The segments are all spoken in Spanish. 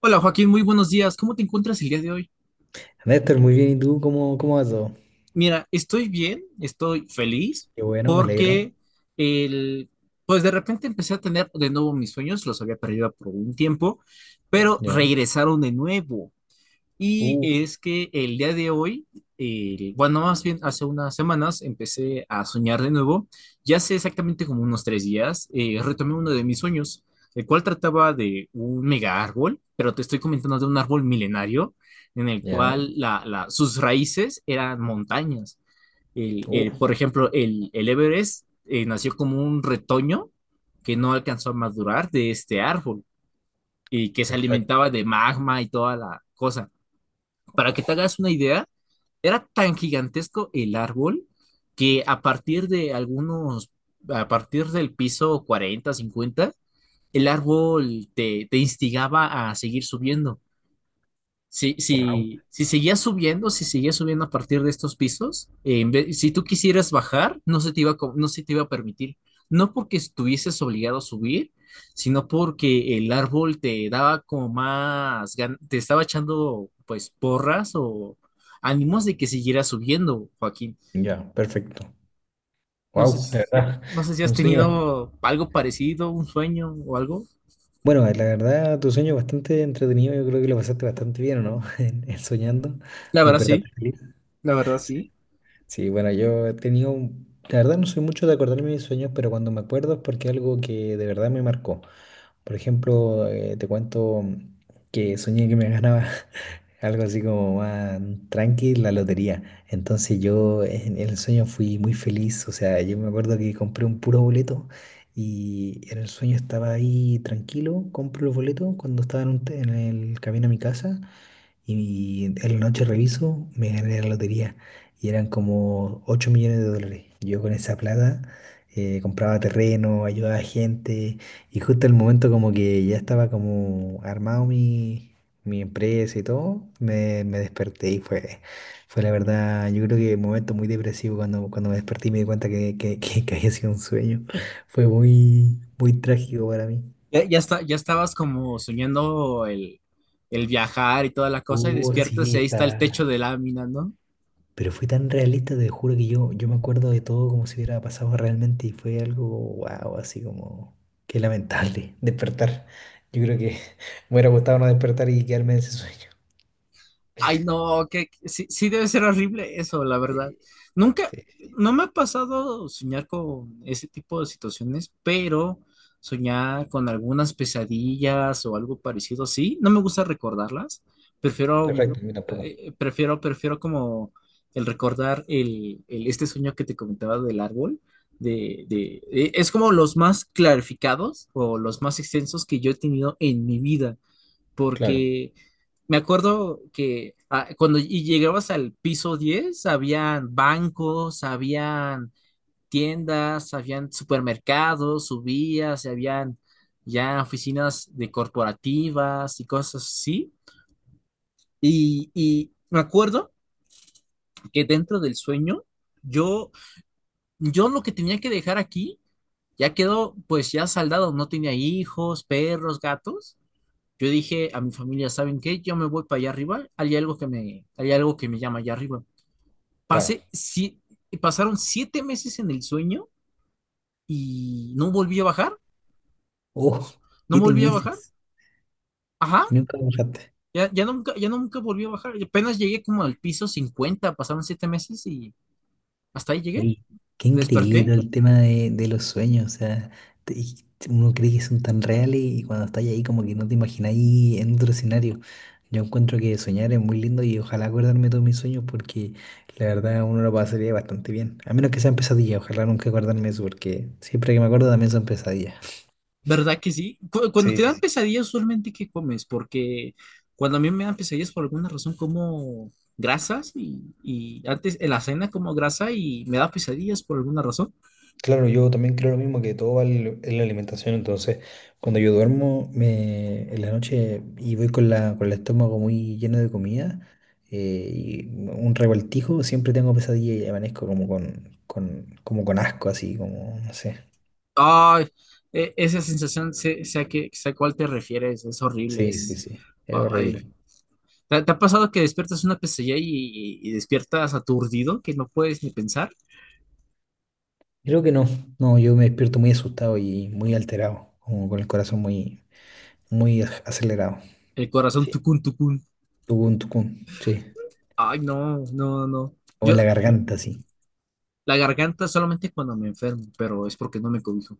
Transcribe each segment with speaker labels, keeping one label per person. Speaker 1: Hola Joaquín, muy buenos días. ¿Cómo te encuentras el día de hoy?
Speaker 2: Néstor, muy bien. ¿Y tú cómo va todo?
Speaker 1: Mira, estoy bien, estoy feliz
Speaker 2: Qué bueno, me alegro.
Speaker 1: porque el, pues de repente empecé a tener de nuevo mis sueños, los había perdido por un tiempo, pero
Speaker 2: Ya.
Speaker 1: regresaron de nuevo. Y
Speaker 2: Uh,
Speaker 1: es que el día de hoy, bueno, más bien hace unas semanas empecé a soñar de nuevo. Ya hace exactamente como unos tres días, retomé uno de mis sueños, el cual trataba de un mega árbol, pero te estoy comentando de un árbol milenario en el
Speaker 2: ya.
Speaker 1: cual sus raíces eran montañas.
Speaker 2: uh,
Speaker 1: Por ejemplo, el Everest nació como un retoño que no alcanzó a madurar de este árbol y que se
Speaker 2: Perfecto.
Speaker 1: alimentaba de magma y toda la cosa. Para que te hagas una idea, era tan gigantesco el árbol que a partir de algunos, a partir del piso 40, 50, el árbol te instigaba a seguir subiendo.
Speaker 2: Wow.
Speaker 1: Si seguías subiendo, si seguías subiendo a partir de estos pisos, si tú quisieras bajar, no se te iba no se te iba a permitir. No porque estuvieses obligado a subir, sino porque el árbol te daba como te estaba echando pues porras o ánimos de que siguieras subiendo, Joaquín.
Speaker 2: Ya, perfecto.
Speaker 1: No sé
Speaker 2: Wow. La
Speaker 1: si,
Speaker 2: verdad,
Speaker 1: no sé si has
Speaker 2: un sueño
Speaker 1: tenido algo parecido, un sueño o algo.
Speaker 2: bueno, la verdad, tu sueño es bastante entretenido. Yo creo que lo pasaste bastante bien, ¿o no? En soñando.
Speaker 1: La verdad sí,
Speaker 2: Despertaste feliz.
Speaker 1: la verdad sí.
Speaker 2: Sí, bueno, yo he tenido, la verdad no soy mucho de acordarme de mis sueños, pero cuando me acuerdo es porque algo que de verdad me marcó. Por ejemplo, te cuento que soñé que me ganaba algo así como más tranqui la lotería. Entonces yo en el sueño fui muy feliz, o sea, yo me acuerdo que compré un puro boleto y en el sueño estaba ahí tranquilo, compro el boleto cuando estaba en el camino a mi casa. Y en la noche reviso, me gané la lotería y eran como 8 millones de dólares. Yo con esa plata compraba terreno, ayudaba a gente y justo el momento como que ya estaba como armado mi, mi empresa y todo. Me desperté y fue la verdad, yo creo que un momento muy depresivo cuando, me desperté y me di cuenta que, que había sido un sueño. Fue muy, muy trágico para mí.
Speaker 1: Ya, ya está, ya estabas como soñando el viajar y toda la cosa, y
Speaker 2: Oh,
Speaker 1: despiertas
Speaker 2: sí,
Speaker 1: y ahí está el techo
Speaker 2: está.
Speaker 1: de lámina, ¿no?
Speaker 2: Pero fue tan realista, te juro que yo me acuerdo de todo como si hubiera pasado realmente y fue algo, wow, así como, qué lamentable despertar. Yo creo que me hubiera gustado no despertar y quedarme en ese sueño.
Speaker 1: Ay, no, que sí, sí debe ser horrible eso, la verdad.
Speaker 2: Sí,
Speaker 1: Nunca,
Speaker 2: sí,
Speaker 1: no me ha pasado soñar con ese tipo de situaciones, pero soñar con algunas pesadillas o algo parecido, sí, no me gusta recordarlas.
Speaker 2: no,
Speaker 1: Prefiero,
Speaker 2: perfecto, a mí tampoco.
Speaker 1: Prefiero como el recordar este sueño que te comentaba del árbol, es como los más clarificados o los más extensos que yo he tenido en mi vida
Speaker 2: Claro,
Speaker 1: porque me acuerdo que cuando y llegabas al piso 10 habían bancos, habían tiendas, habían supermercados, subías, y habían ya oficinas de corporativas y cosas así. Y me acuerdo que dentro del sueño, yo, yo lo que tenía que dejar aquí ya quedó, pues ya saldado, no tenía hijos, perros, gatos. Yo dije a mi familia, ¿saben qué? Yo me voy para allá arriba, hay algo que me llama allá arriba.
Speaker 2: claro.
Speaker 1: Pasé, si, Pasaron siete meses en el sueño y no volví a bajar,
Speaker 2: Oh,
Speaker 1: no
Speaker 2: siete
Speaker 1: volví a bajar,
Speaker 2: meses
Speaker 1: ajá,
Speaker 2: y nunca me.
Speaker 1: ya nunca volví a bajar, apenas llegué como al piso 50. Pasaron siete meses y hasta ahí llegué,
Speaker 2: Oye, qué increíble
Speaker 1: desperté.
Speaker 2: todo el tema de los sueños, o sea, y uno cree que son tan reales y cuando estás ahí como que no te imagináis en otro escenario. Yo encuentro que soñar es muy lindo y ojalá acordarme de todos mis sueños porque la verdad uno lo pasaría bastante bien. A menos que sean pesadillas, ojalá nunca acordarme de eso porque siempre que me acuerdo también son pesadillas.
Speaker 1: ¿Verdad que sí? Cuando
Speaker 2: Sí,
Speaker 1: te dan
Speaker 2: sí,
Speaker 1: pesadillas, usualmente, ¿qué comes? Porque cuando a mí me dan pesadillas, por alguna razón como grasas y antes en la cena como grasa y me da pesadillas por alguna razón.
Speaker 2: claro, yo también creo lo mismo que todo va en la alimentación. Entonces, cuando yo duermo en la noche y voy con el estómago muy lleno de comida y un revoltijo, siempre tengo pesadilla y amanezco como con asco, así como, no sé.
Speaker 1: Ay, esa sensación, sé, sé a cuál te refieres, es horrible,
Speaker 2: Sí, sí,
Speaker 1: es...
Speaker 2: sí, es
Speaker 1: ay.
Speaker 2: horrible.
Speaker 1: ¿Te ha pasado que despiertas una pesadilla y despiertas aturdido, que no puedes ni pensar?
Speaker 2: Creo que no, no, yo me despierto muy asustado y muy alterado, como con el corazón muy, muy acelerado.
Speaker 1: El corazón
Speaker 2: Sí.
Speaker 1: tucún, tucún.
Speaker 2: Tucun, tucun, sí,
Speaker 1: Ay, no, no, no.
Speaker 2: como en la
Speaker 1: Yo,
Speaker 2: garganta, sí.
Speaker 1: la garganta solamente cuando me enfermo, pero es porque no me cobijo.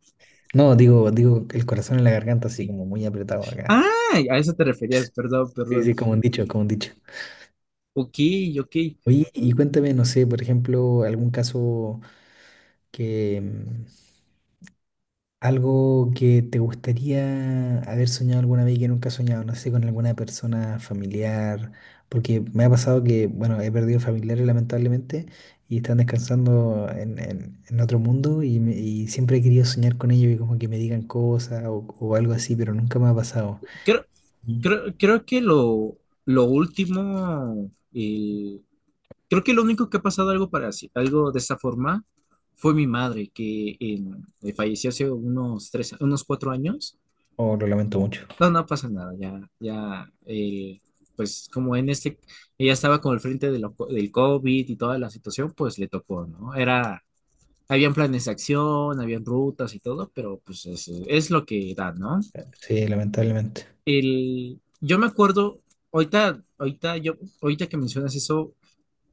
Speaker 2: No, digo, el corazón en la garganta, así como muy apretado acá.
Speaker 1: Ah, a eso te referías, perdón,
Speaker 2: Sí,
Speaker 1: perdón.
Speaker 2: sí, como un dicho, como un dicho.
Speaker 1: Ok, ok.
Speaker 2: Oye, y cuéntame, no sé, por ejemplo, algún caso que, mm, algo que te gustaría haber soñado alguna vez y que nunca has soñado, no sé, con alguna persona familiar, porque me ha pasado que, bueno, he perdido familiares lamentablemente y están descansando en otro mundo y, y siempre he querido soñar con ellos y como que me digan cosas o algo así, pero nunca me ha pasado.
Speaker 1: Creo,
Speaker 2: Mm.
Speaker 1: Creo que lo último, el- creo que lo único que ha pasado algo algo de esta forma fue mi madre, falleció hace unos tres, unos cuatro años.
Speaker 2: Oh, lo lamento mucho.
Speaker 1: No, no pasa nada, pues ella estaba con el frente de del COVID y toda la situación, pues le tocó, ¿no? Era. Habían planes de acción, habían rutas y todo, pero pues es lo que da, ¿no?
Speaker 2: Sí, lamentablemente.
Speaker 1: Yo me acuerdo, ahorita, ahorita, yo, ahorita que mencionas eso,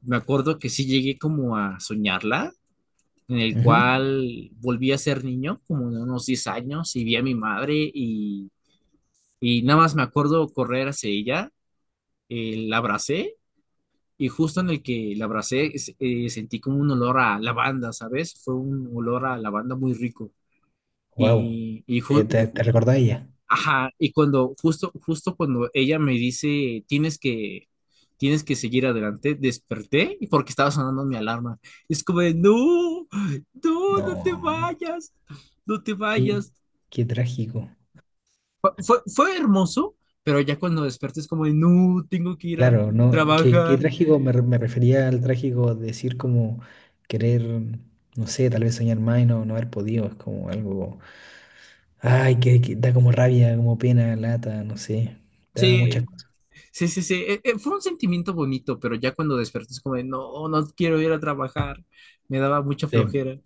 Speaker 1: me acuerdo que sí llegué como a soñarla, en el cual volví a ser niño, como de unos 10 años, y vi a mi madre y nada más me acuerdo correr hacia ella, la abracé y justo en el que la abracé sentí como un olor a lavanda, ¿sabes? Fue un olor a lavanda muy rico.
Speaker 2: Wow.
Speaker 1: Y, y
Speaker 2: ¿Te,
Speaker 1: ju-
Speaker 2: te, te recordás de ella?
Speaker 1: Ajá, y cuando, justo cuando ella me dice, tienes que seguir adelante, desperté y porque estaba sonando mi alarma. Es como de, no, no te
Speaker 2: No.
Speaker 1: vayas, no te
Speaker 2: Qué,
Speaker 1: vayas.
Speaker 2: qué trágico.
Speaker 1: Fue hermoso, pero ya cuando desperté es como de, no, tengo que ir a
Speaker 2: Claro, no. Qué
Speaker 1: trabajar.
Speaker 2: trágico, me refería al trágico decir como querer, no sé, tal vez soñar más y no haber podido. Es como algo. Ay, que da como rabia, como pena, lata, no sé. Te da muchas
Speaker 1: Sí,
Speaker 2: cosas.
Speaker 1: sí, sí, sí. Fue un sentimiento bonito, pero ya cuando desperté es como de, no, no quiero ir a trabajar. Me daba mucha
Speaker 2: Sí.
Speaker 1: flojera.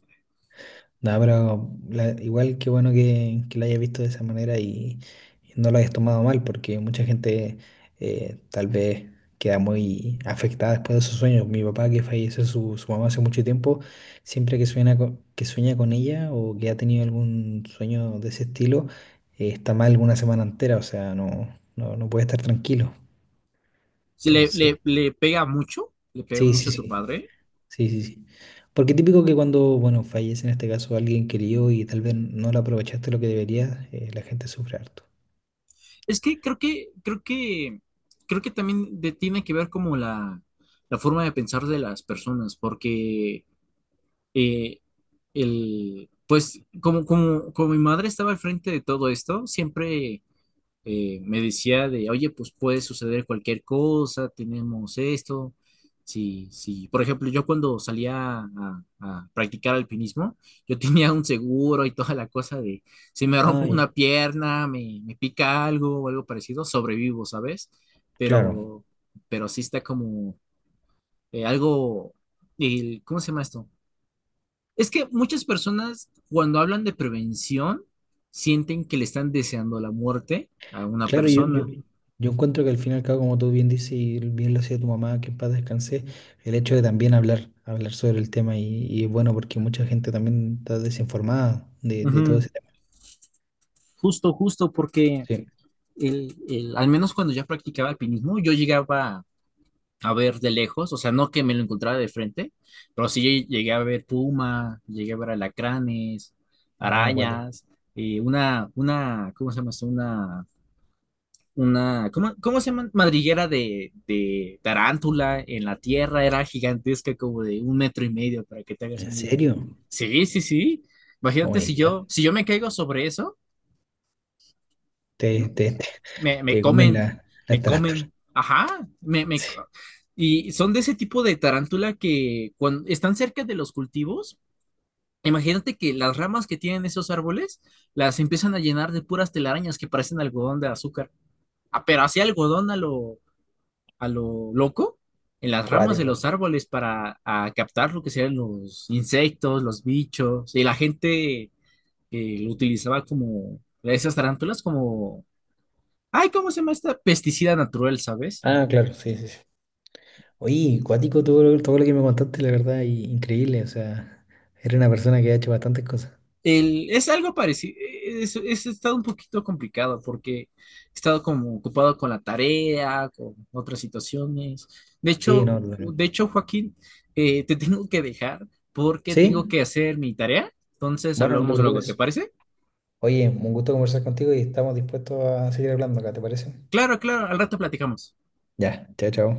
Speaker 2: No, pero igual qué bueno que la hayas visto de esa manera y no la hayas tomado mal, porque mucha gente tal vez queda muy afectada después de sus sueños. Mi papá, que falleció su mamá hace mucho tiempo, siempre que sueña que sueña con ella o que ha tenido algún sueño de ese estilo, está mal una semana entera, o sea, no puede estar tranquilo.
Speaker 1: Sí,
Speaker 2: Entonces,
Speaker 1: le pega
Speaker 2: sí,
Speaker 1: mucho
Speaker 2: sí,
Speaker 1: a tu
Speaker 2: sí.
Speaker 1: padre.
Speaker 2: Sí, sí, sí. Porque típico que cuando, bueno, fallece en este caso alguien querido y tal vez no lo aprovechaste lo que deberías, la gente sufre harto.
Speaker 1: Es que creo que también tiene que ver como la forma de pensar de las personas, porque eh, pues como mi madre estaba al frente de todo esto, siempre me decía de, oye, pues puede suceder cualquier cosa, tenemos esto. Sí, sí. Por ejemplo, yo cuando salía a practicar alpinismo, yo tenía un seguro y toda la cosa de, si me
Speaker 2: Ah,
Speaker 1: rompo
Speaker 2: ya.
Speaker 1: una pierna, me pica algo o algo parecido, sobrevivo, ¿sabes?
Speaker 2: Claro,
Speaker 1: Pero, pero sí está como eh, algo, ¿cómo se llama esto? Es que muchas personas cuando hablan de prevención sienten que le están deseando la muerte a una
Speaker 2: claro, yo, yo,
Speaker 1: persona.
Speaker 2: yo encuentro que al final, cabo, como tú bien dices y bien lo hacía tu mamá, que en paz descanse, el hecho de también hablar sobre el tema y es bueno porque mucha gente también está desinformada de todo
Speaker 1: Ujú.
Speaker 2: ese tema.
Speaker 1: Justo, porque
Speaker 2: Sí.
Speaker 1: al menos cuando ya practicaba alpinismo, yo llegaba a ver de lejos, o sea, no que me lo encontrara de frente, pero sí llegué a ver puma, llegué a ver alacranes,
Speaker 2: Ah, guate.
Speaker 1: arañas, ¿cómo se llama esto? ¿Cómo, cómo se llama? Madriguera de tarántula en la tierra, era gigantesca, como de un metro y medio, para que te hagas
Speaker 2: ¿En
Speaker 1: una idea.
Speaker 2: serio?
Speaker 1: Sí, sí, sí.
Speaker 2: Oh
Speaker 1: Imagínate
Speaker 2: my
Speaker 1: si
Speaker 2: God.
Speaker 1: yo, si yo me caigo sobre eso. No,
Speaker 2: Te, te, te,
Speaker 1: me, me
Speaker 2: te comen
Speaker 1: comen,
Speaker 2: la,
Speaker 1: me
Speaker 2: la tarántula.
Speaker 1: comen, ajá, me, me, co- y son de ese tipo de tarántula que cuando están cerca de los cultivos, imagínate que las ramas que tienen esos árboles las empiezan a llenar de puras telarañas que parecen algodón de azúcar. Ah, pero así algodón a lo loco, en las ramas de
Speaker 2: Cuático.
Speaker 1: los árboles para a captar lo que serían los insectos, los bichos, y la gente que lo utilizaba como esas tarántulas como... Ay, ¿cómo se llama esta? Pesticida natural, ¿sabes?
Speaker 2: Ah, claro, sí, sí, sí. Oye, cuático todo lo que me contaste, la verdad, y increíble. O sea, eres una persona que ha hecho bastantes cosas.
Speaker 1: Es algo parecido, es estado un poquito complicado porque he estado como ocupado con la tarea, con otras situaciones.
Speaker 2: Sí, no, totalmente.
Speaker 1: Joaquín, te tengo que dejar porque tengo
Speaker 2: Sí,
Speaker 1: que hacer mi tarea. Entonces
Speaker 2: bueno, no te
Speaker 1: hablamos luego, ¿te
Speaker 2: preocupes.
Speaker 1: parece?
Speaker 2: Oye, un gusto conversar contigo y estamos dispuestos a seguir hablando acá, ¿te parece?
Speaker 1: Claro, claro, al rato platicamos.
Speaker 2: Ya, chao, chao.